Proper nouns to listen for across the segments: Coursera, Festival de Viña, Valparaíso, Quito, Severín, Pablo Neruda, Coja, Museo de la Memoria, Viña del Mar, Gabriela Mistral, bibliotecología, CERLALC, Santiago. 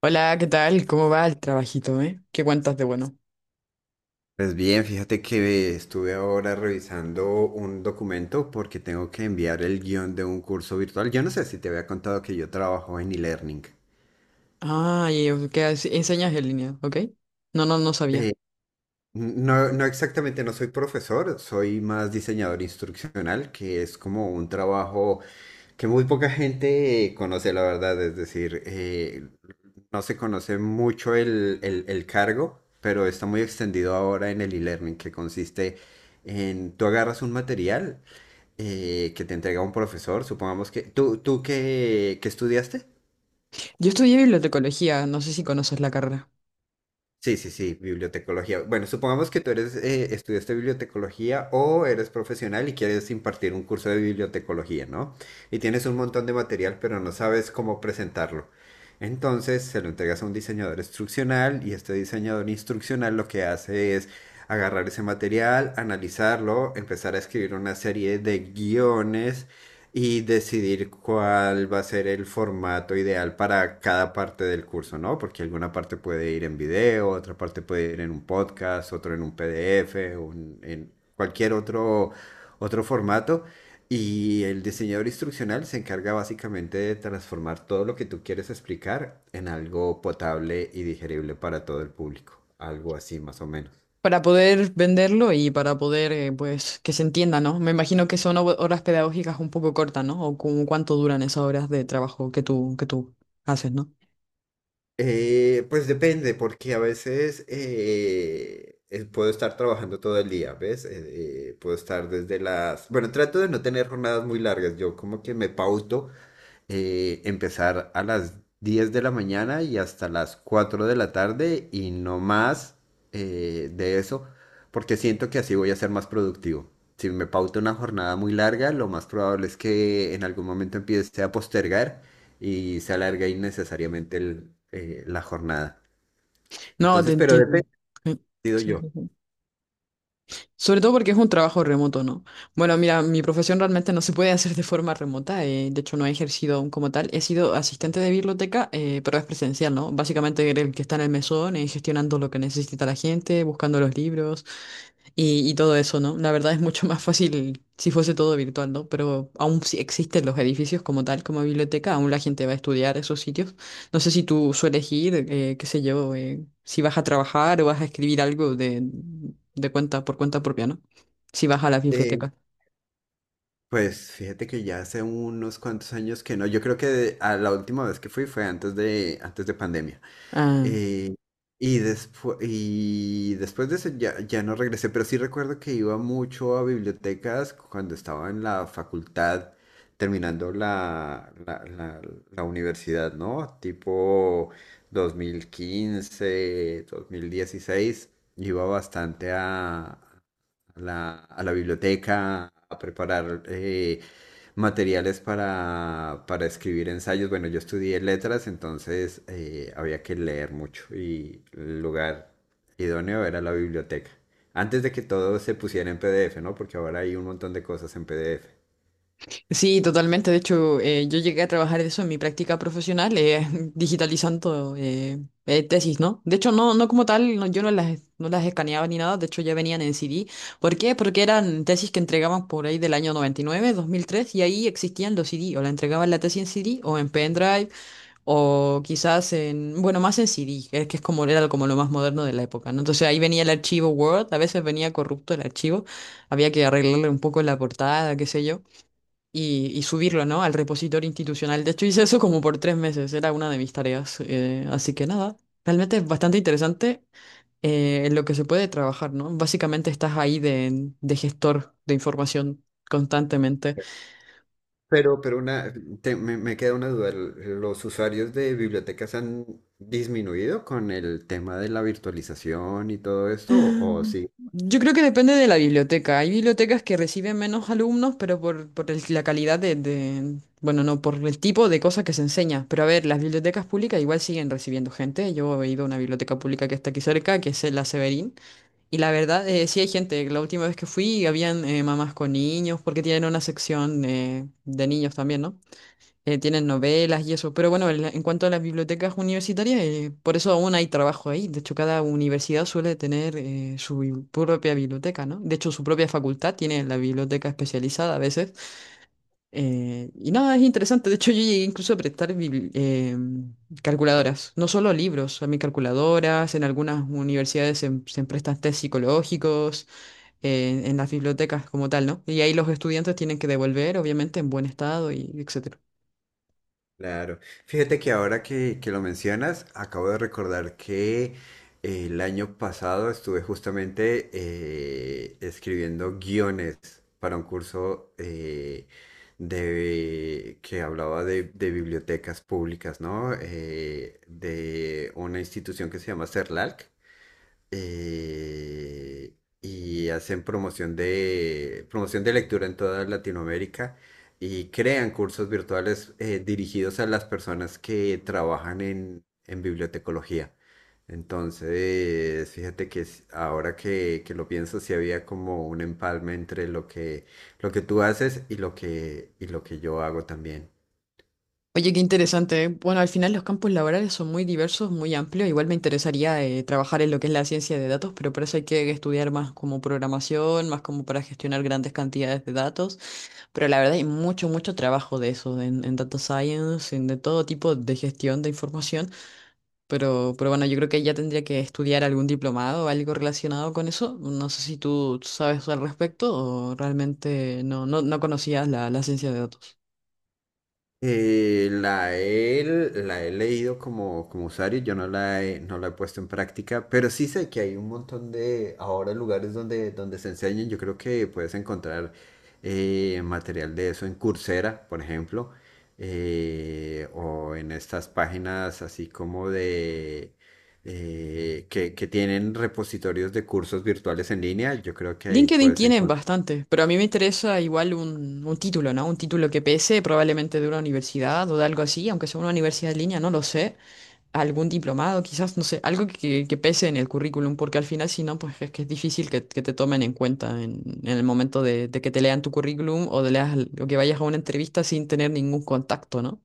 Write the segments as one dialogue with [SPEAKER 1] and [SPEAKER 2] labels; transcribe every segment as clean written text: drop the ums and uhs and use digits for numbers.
[SPEAKER 1] Hola, ¿qué tal? ¿Cómo va el trabajito, ¿Qué cuentas de bueno?
[SPEAKER 2] Pues bien, fíjate que estuve ahora revisando un documento porque tengo que enviar el guión de un curso virtual. Yo no sé si te había contado que yo trabajo en e-learning.
[SPEAKER 1] Ah, y ¿qué haces? ¿Enseñas en línea, ok? No, no, no sabía.
[SPEAKER 2] Eh, no, no exactamente, no soy profesor, soy más diseñador instruccional, que es como un trabajo que muy poca gente conoce, la verdad. Es decir, no se conoce mucho el cargo, pero está muy extendido ahora en el e-learning, que consiste en tú agarras un material que te entrega un profesor, supongamos que... ¿Tú qué estudiaste?
[SPEAKER 1] Yo estudié bibliotecología, no sé si conoces la carrera.
[SPEAKER 2] Sí, sí, sí, bibliotecología. Bueno, supongamos que tú eres, estudiaste bibliotecología o eres profesional y quieres impartir un curso de bibliotecología, ¿no? Y tienes un montón de material, pero no sabes cómo presentarlo. Entonces se lo entregas a un diseñador instruccional y este diseñador instruccional lo que hace es agarrar ese material, analizarlo, empezar a escribir una serie de guiones y decidir cuál va a ser el formato ideal para cada parte del curso, ¿no? Porque alguna parte puede ir en video, otra parte puede ir en un podcast, otro en un PDF, en cualquier otro, otro formato. Y el diseñador instruccional se encarga básicamente de transformar todo lo que tú quieres explicar en algo potable y digerible para todo el público. Algo así más o menos.
[SPEAKER 1] Para poder venderlo y para poder, pues, que se entienda, ¿no? Me imagino que son horas pedagógicas un poco cortas, ¿no? O como cuánto duran esas horas de trabajo que que tú haces, ¿no?
[SPEAKER 2] Pues depende, porque a veces puedo estar trabajando todo el día, ¿ves? Puedo estar desde las... Bueno, trato de no tener jornadas muy largas, yo como que me pauto empezar a las 10 de la mañana y hasta las 4 de la tarde y no más de eso, porque siento que así voy a ser más productivo. Si me pauto una jornada muy larga, lo más probable es que en algún momento empiece a postergar y se alargue innecesariamente la jornada.
[SPEAKER 1] No, te
[SPEAKER 2] Entonces, pero
[SPEAKER 1] entiendo.
[SPEAKER 2] depende,
[SPEAKER 1] Sí,
[SPEAKER 2] digo yo.
[SPEAKER 1] sí, sí. Sobre todo porque es un trabajo remoto, ¿no? Bueno, mira, mi profesión realmente no se puede hacer de forma remota, de hecho no he ejercido aún como tal, he sido asistente de biblioteca, pero es presencial, ¿no? Básicamente el que está en el mesón, gestionando lo que necesita la gente, buscando los libros y todo eso, ¿no? La verdad es mucho más fácil si fuese todo virtual, ¿no? Pero aún sí existen los edificios como tal, como biblioteca, aún la gente va a estudiar esos sitios. No sé si tú sueles ir, qué sé yo, si vas a trabajar o vas a escribir algo de cuenta por cuenta propia, ¿no? Si vas a la
[SPEAKER 2] Eh,
[SPEAKER 1] biblioteca.
[SPEAKER 2] pues fíjate que ya hace unos cuantos años que no, yo creo que a la última vez que fui fue antes de pandemia.
[SPEAKER 1] Ah,
[SPEAKER 2] Eh, y después de eso ya no regresé, pero sí recuerdo que iba mucho a bibliotecas cuando estaba en la facultad, terminando la universidad, ¿no? Tipo dos mil quince 2016 iba bastante a la biblioteca a preparar materiales para escribir ensayos. Bueno, yo estudié letras, entonces había que leer mucho y el lugar idóneo era la biblioteca. Antes de que todo se pusiera en PDF, ¿no? Porque ahora hay un montón de cosas en PDF.
[SPEAKER 1] sí, totalmente. De hecho, yo llegué a trabajar de eso en mi práctica profesional, digitalizando tesis, ¿no? De hecho, no, no como tal, yo no las, no las escaneaba ni nada, de hecho ya venían en CD. ¿Por qué? Porque eran tesis que entregaban por ahí del año 99, 2003, y ahí existían los CD, o la entregaban la tesis en CD o en pendrive. O quizás en, bueno, más en CD, que es como era como lo más moderno de la época, ¿no? Entonces ahí venía el archivo Word, a veces venía corrupto el archivo, había que arreglarle un poco la portada, qué sé yo, y subirlo, ¿no? Al repositorio institucional. De hecho, hice eso como por 3 meses, era una de mis tareas. Así que nada, realmente es bastante interesante en lo que se puede trabajar, ¿no? Básicamente estás ahí de gestor de información constantemente.
[SPEAKER 2] Pero, pero una, me queda una duda. ¿Los usuarios de bibliotecas han disminuido con el tema de la virtualización y todo esto? O
[SPEAKER 1] Yo creo que depende de la biblioteca. Hay bibliotecas que reciben menos alumnos, pero la calidad bueno, no, por el tipo de cosas que se enseña. Pero a ver, las bibliotecas públicas igual siguen recibiendo gente. Yo he ido a una biblioteca pública que está aquí cerca, que es la Severín. Y la verdad, sí hay gente. La última vez que fui, habían mamás con niños, porque tienen una sección de niños también, ¿no? Tienen novelas y eso. Pero bueno, en cuanto a las bibliotecas universitarias, por eso aún hay trabajo ahí. De hecho, cada universidad suele tener su propia biblioteca, ¿no? De hecho, su propia facultad tiene la biblioteca especializada a veces. Y nada, es interesante. De hecho, yo llegué incluso a prestar calculadoras, no solo libros, a mí calculadoras, en algunas universidades se prestan test psicológicos, en las bibliotecas como tal, ¿no? Y ahí los estudiantes tienen que devolver, obviamente, en buen estado y etc.
[SPEAKER 2] Claro. Fíjate que ahora que lo mencionas, acabo de recordar que el año pasado estuve justamente escribiendo guiones para un curso que hablaba de bibliotecas públicas, ¿no? De una institución que se llama CERLALC eh, y hacen promoción de lectura en toda Latinoamérica y crean cursos virtuales dirigidos a las personas que trabajan en bibliotecología. Entonces, fíjate que ahora que lo pienso, sí había como un empalme entre lo que tú haces y lo que yo hago también.
[SPEAKER 1] Oye, qué interesante. ¿Eh? Bueno, al final los campos laborales son muy diversos, muy amplios. Igual me interesaría trabajar en lo que es la ciencia de datos, pero para eso hay que estudiar más como programación, más como para gestionar grandes cantidades de datos. Pero la verdad hay mucho, mucho trabajo de eso, en data science, en de todo tipo de gestión de información. Pero bueno, yo creo que ya tendría que estudiar algún diplomado o algo relacionado con eso. No sé si tú sabes al respecto o realmente no, no, no conocías la ciencia de datos.
[SPEAKER 2] Eh, la he, la he leído como usuario, yo no la he puesto en práctica, pero sí sé que hay un montón de ahora lugares donde, donde se enseñan. Yo creo que puedes encontrar material de eso en Coursera, por ejemplo, o en estas páginas así como de que tienen repositorios de cursos virtuales en línea. Yo creo que ahí
[SPEAKER 1] LinkedIn
[SPEAKER 2] puedes.
[SPEAKER 1] tienen bastante, pero a mí me interesa igual un título, ¿no? Un título que pese, probablemente de una universidad o de algo así, aunque sea una universidad en línea, no lo sé. Algún diplomado, quizás, no sé, algo que pese en el currículum, porque al final, si no, pues es que es difícil que te tomen en cuenta en el momento de que te lean tu currículum o, de leas, o que vayas a una entrevista sin tener ningún contacto, ¿no?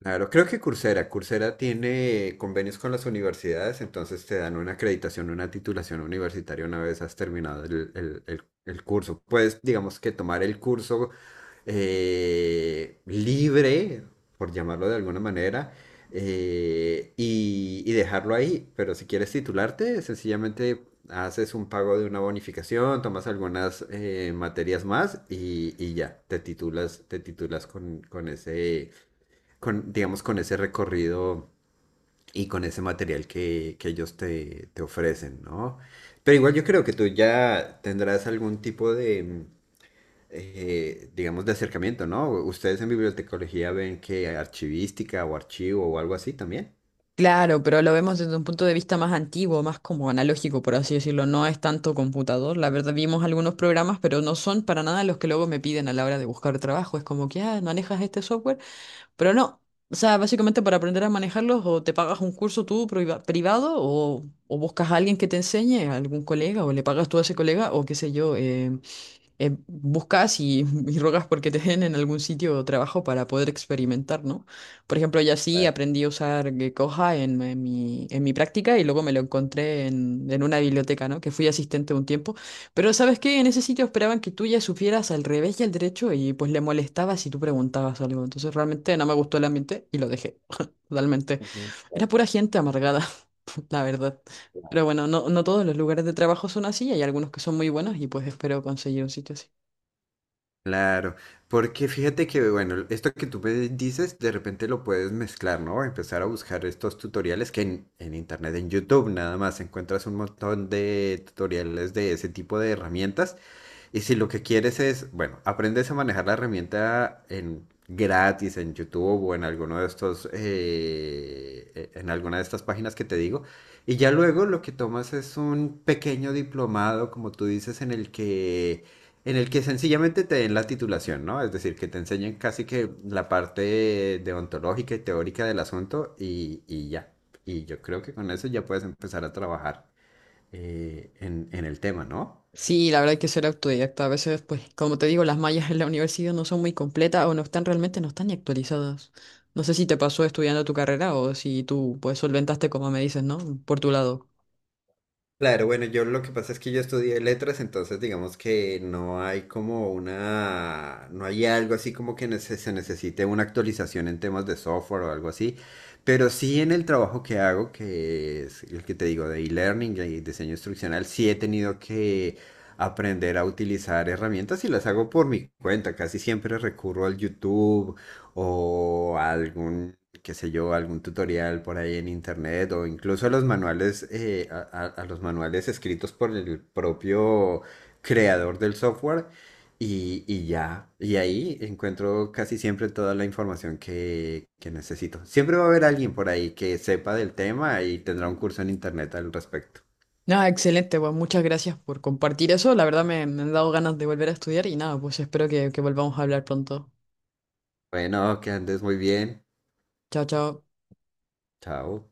[SPEAKER 2] Claro, creo que Coursera tiene convenios con las universidades, entonces te dan una acreditación, una titulación universitaria una vez has terminado el curso. Puedes, digamos que tomar el curso libre, por llamarlo de alguna manera, y dejarlo ahí. Pero si quieres titularte, sencillamente haces un pago de una bonificación, tomas algunas materias más y ya, te titulas digamos, con ese recorrido y con ese material que ellos te ofrecen, ¿no? Pero igual yo creo que tú ya tendrás algún tipo de, digamos, de acercamiento, ¿no? Ustedes en bibliotecología ven que archivística o archivo o algo así también.
[SPEAKER 1] Claro, pero lo vemos desde un punto de vista más antiguo, más como analógico, por así decirlo. No es tanto computador. La verdad, vimos algunos programas, pero no son para nada los que luego me piden a la hora de buscar trabajo. Es como que, ah, manejas este software, pero no. O sea, básicamente para aprender a manejarlos, o te pagas un curso tú privado, o buscas a alguien que te enseñe, a algún colega, o le pagas tú a ese colega, o qué sé yo. Buscas y, y rogas porque te den en algún sitio de trabajo para poder experimentar, ¿no? Por ejemplo, yo así aprendí a usar Coja en mi práctica y luego me lo encontré en una biblioteca, ¿no? Que fui asistente un tiempo. Pero ¿sabes qué? En ese sitio esperaban que tú ya supieras al revés y al derecho y pues le molestaba si tú preguntabas algo. Entonces realmente no me gustó el ambiente y lo dejé. Totalmente. Era pura gente amargada, la verdad. Pero bueno, no, no todos los lugares de trabajo son así, hay algunos que son muy buenos y pues espero conseguir un sitio así.
[SPEAKER 2] Claro, porque fíjate que, bueno, esto que tú me dices, de repente lo puedes mezclar, ¿no? Empezar a buscar estos tutoriales que en internet, en YouTube, nada más encuentras un montón de tutoriales de ese tipo de herramientas y si lo que quieres es, bueno, aprendes a manejar la herramienta en gratis en YouTube o en alguno de estos, en alguna de estas páginas que te digo, y ya luego lo que tomas es un pequeño diplomado, como tú dices, en el que sencillamente te den la titulación, ¿no? Es decir, que te enseñen casi que la parte deontológica y teórica del asunto y ya. Y yo creo que con eso ya puedes empezar a trabajar en el tema, ¿no?
[SPEAKER 1] Sí, la verdad hay que ser autodidacta. A veces, pues, como te digo, las mallas en la universidad no son muy completas o no están realmente, no están ni actualizadas. No sé si te pasó estudiando tu carrera o si tú, pues, solventaste como me dices, ¿no? Por tu lado.
[SPEAKER 2] Claro, bueno, yo lo que pasa es que yo estudié letras, entonces digamos que no hay como una, no hay algo así como que se necesite una actualización en temas de software o algo así, pero sí en el trabajo que hago, que es el que te digo de e-learning y diseño instruccional, sí he tenido que aprender a utilizar herramientas y las hago por mi cuenta, casi siempre recurro al YouTube o qué sé yo, algún tutorial por ahí en internet o incluso los manuales, a los manuales escritos por el propio creador del software y ya, y ahí encuentro casi siempre toda la información que necesito. Siempre va a haber alguien por ahí que sepa del tema y tendrá un curso en internet al respecto.
[SPEAKER 1] Nada, excelente, pues muchas gracias por compartir eso. La verdad me, me han dado ganas de volver a estudiar y nada, pues espero que volvamos a hablar pronto.
[SPEAKER 2] Bueno, que andes muy bien.
[SPEAKER 1] Chao, chao.
[SPEAKER 2] Chao.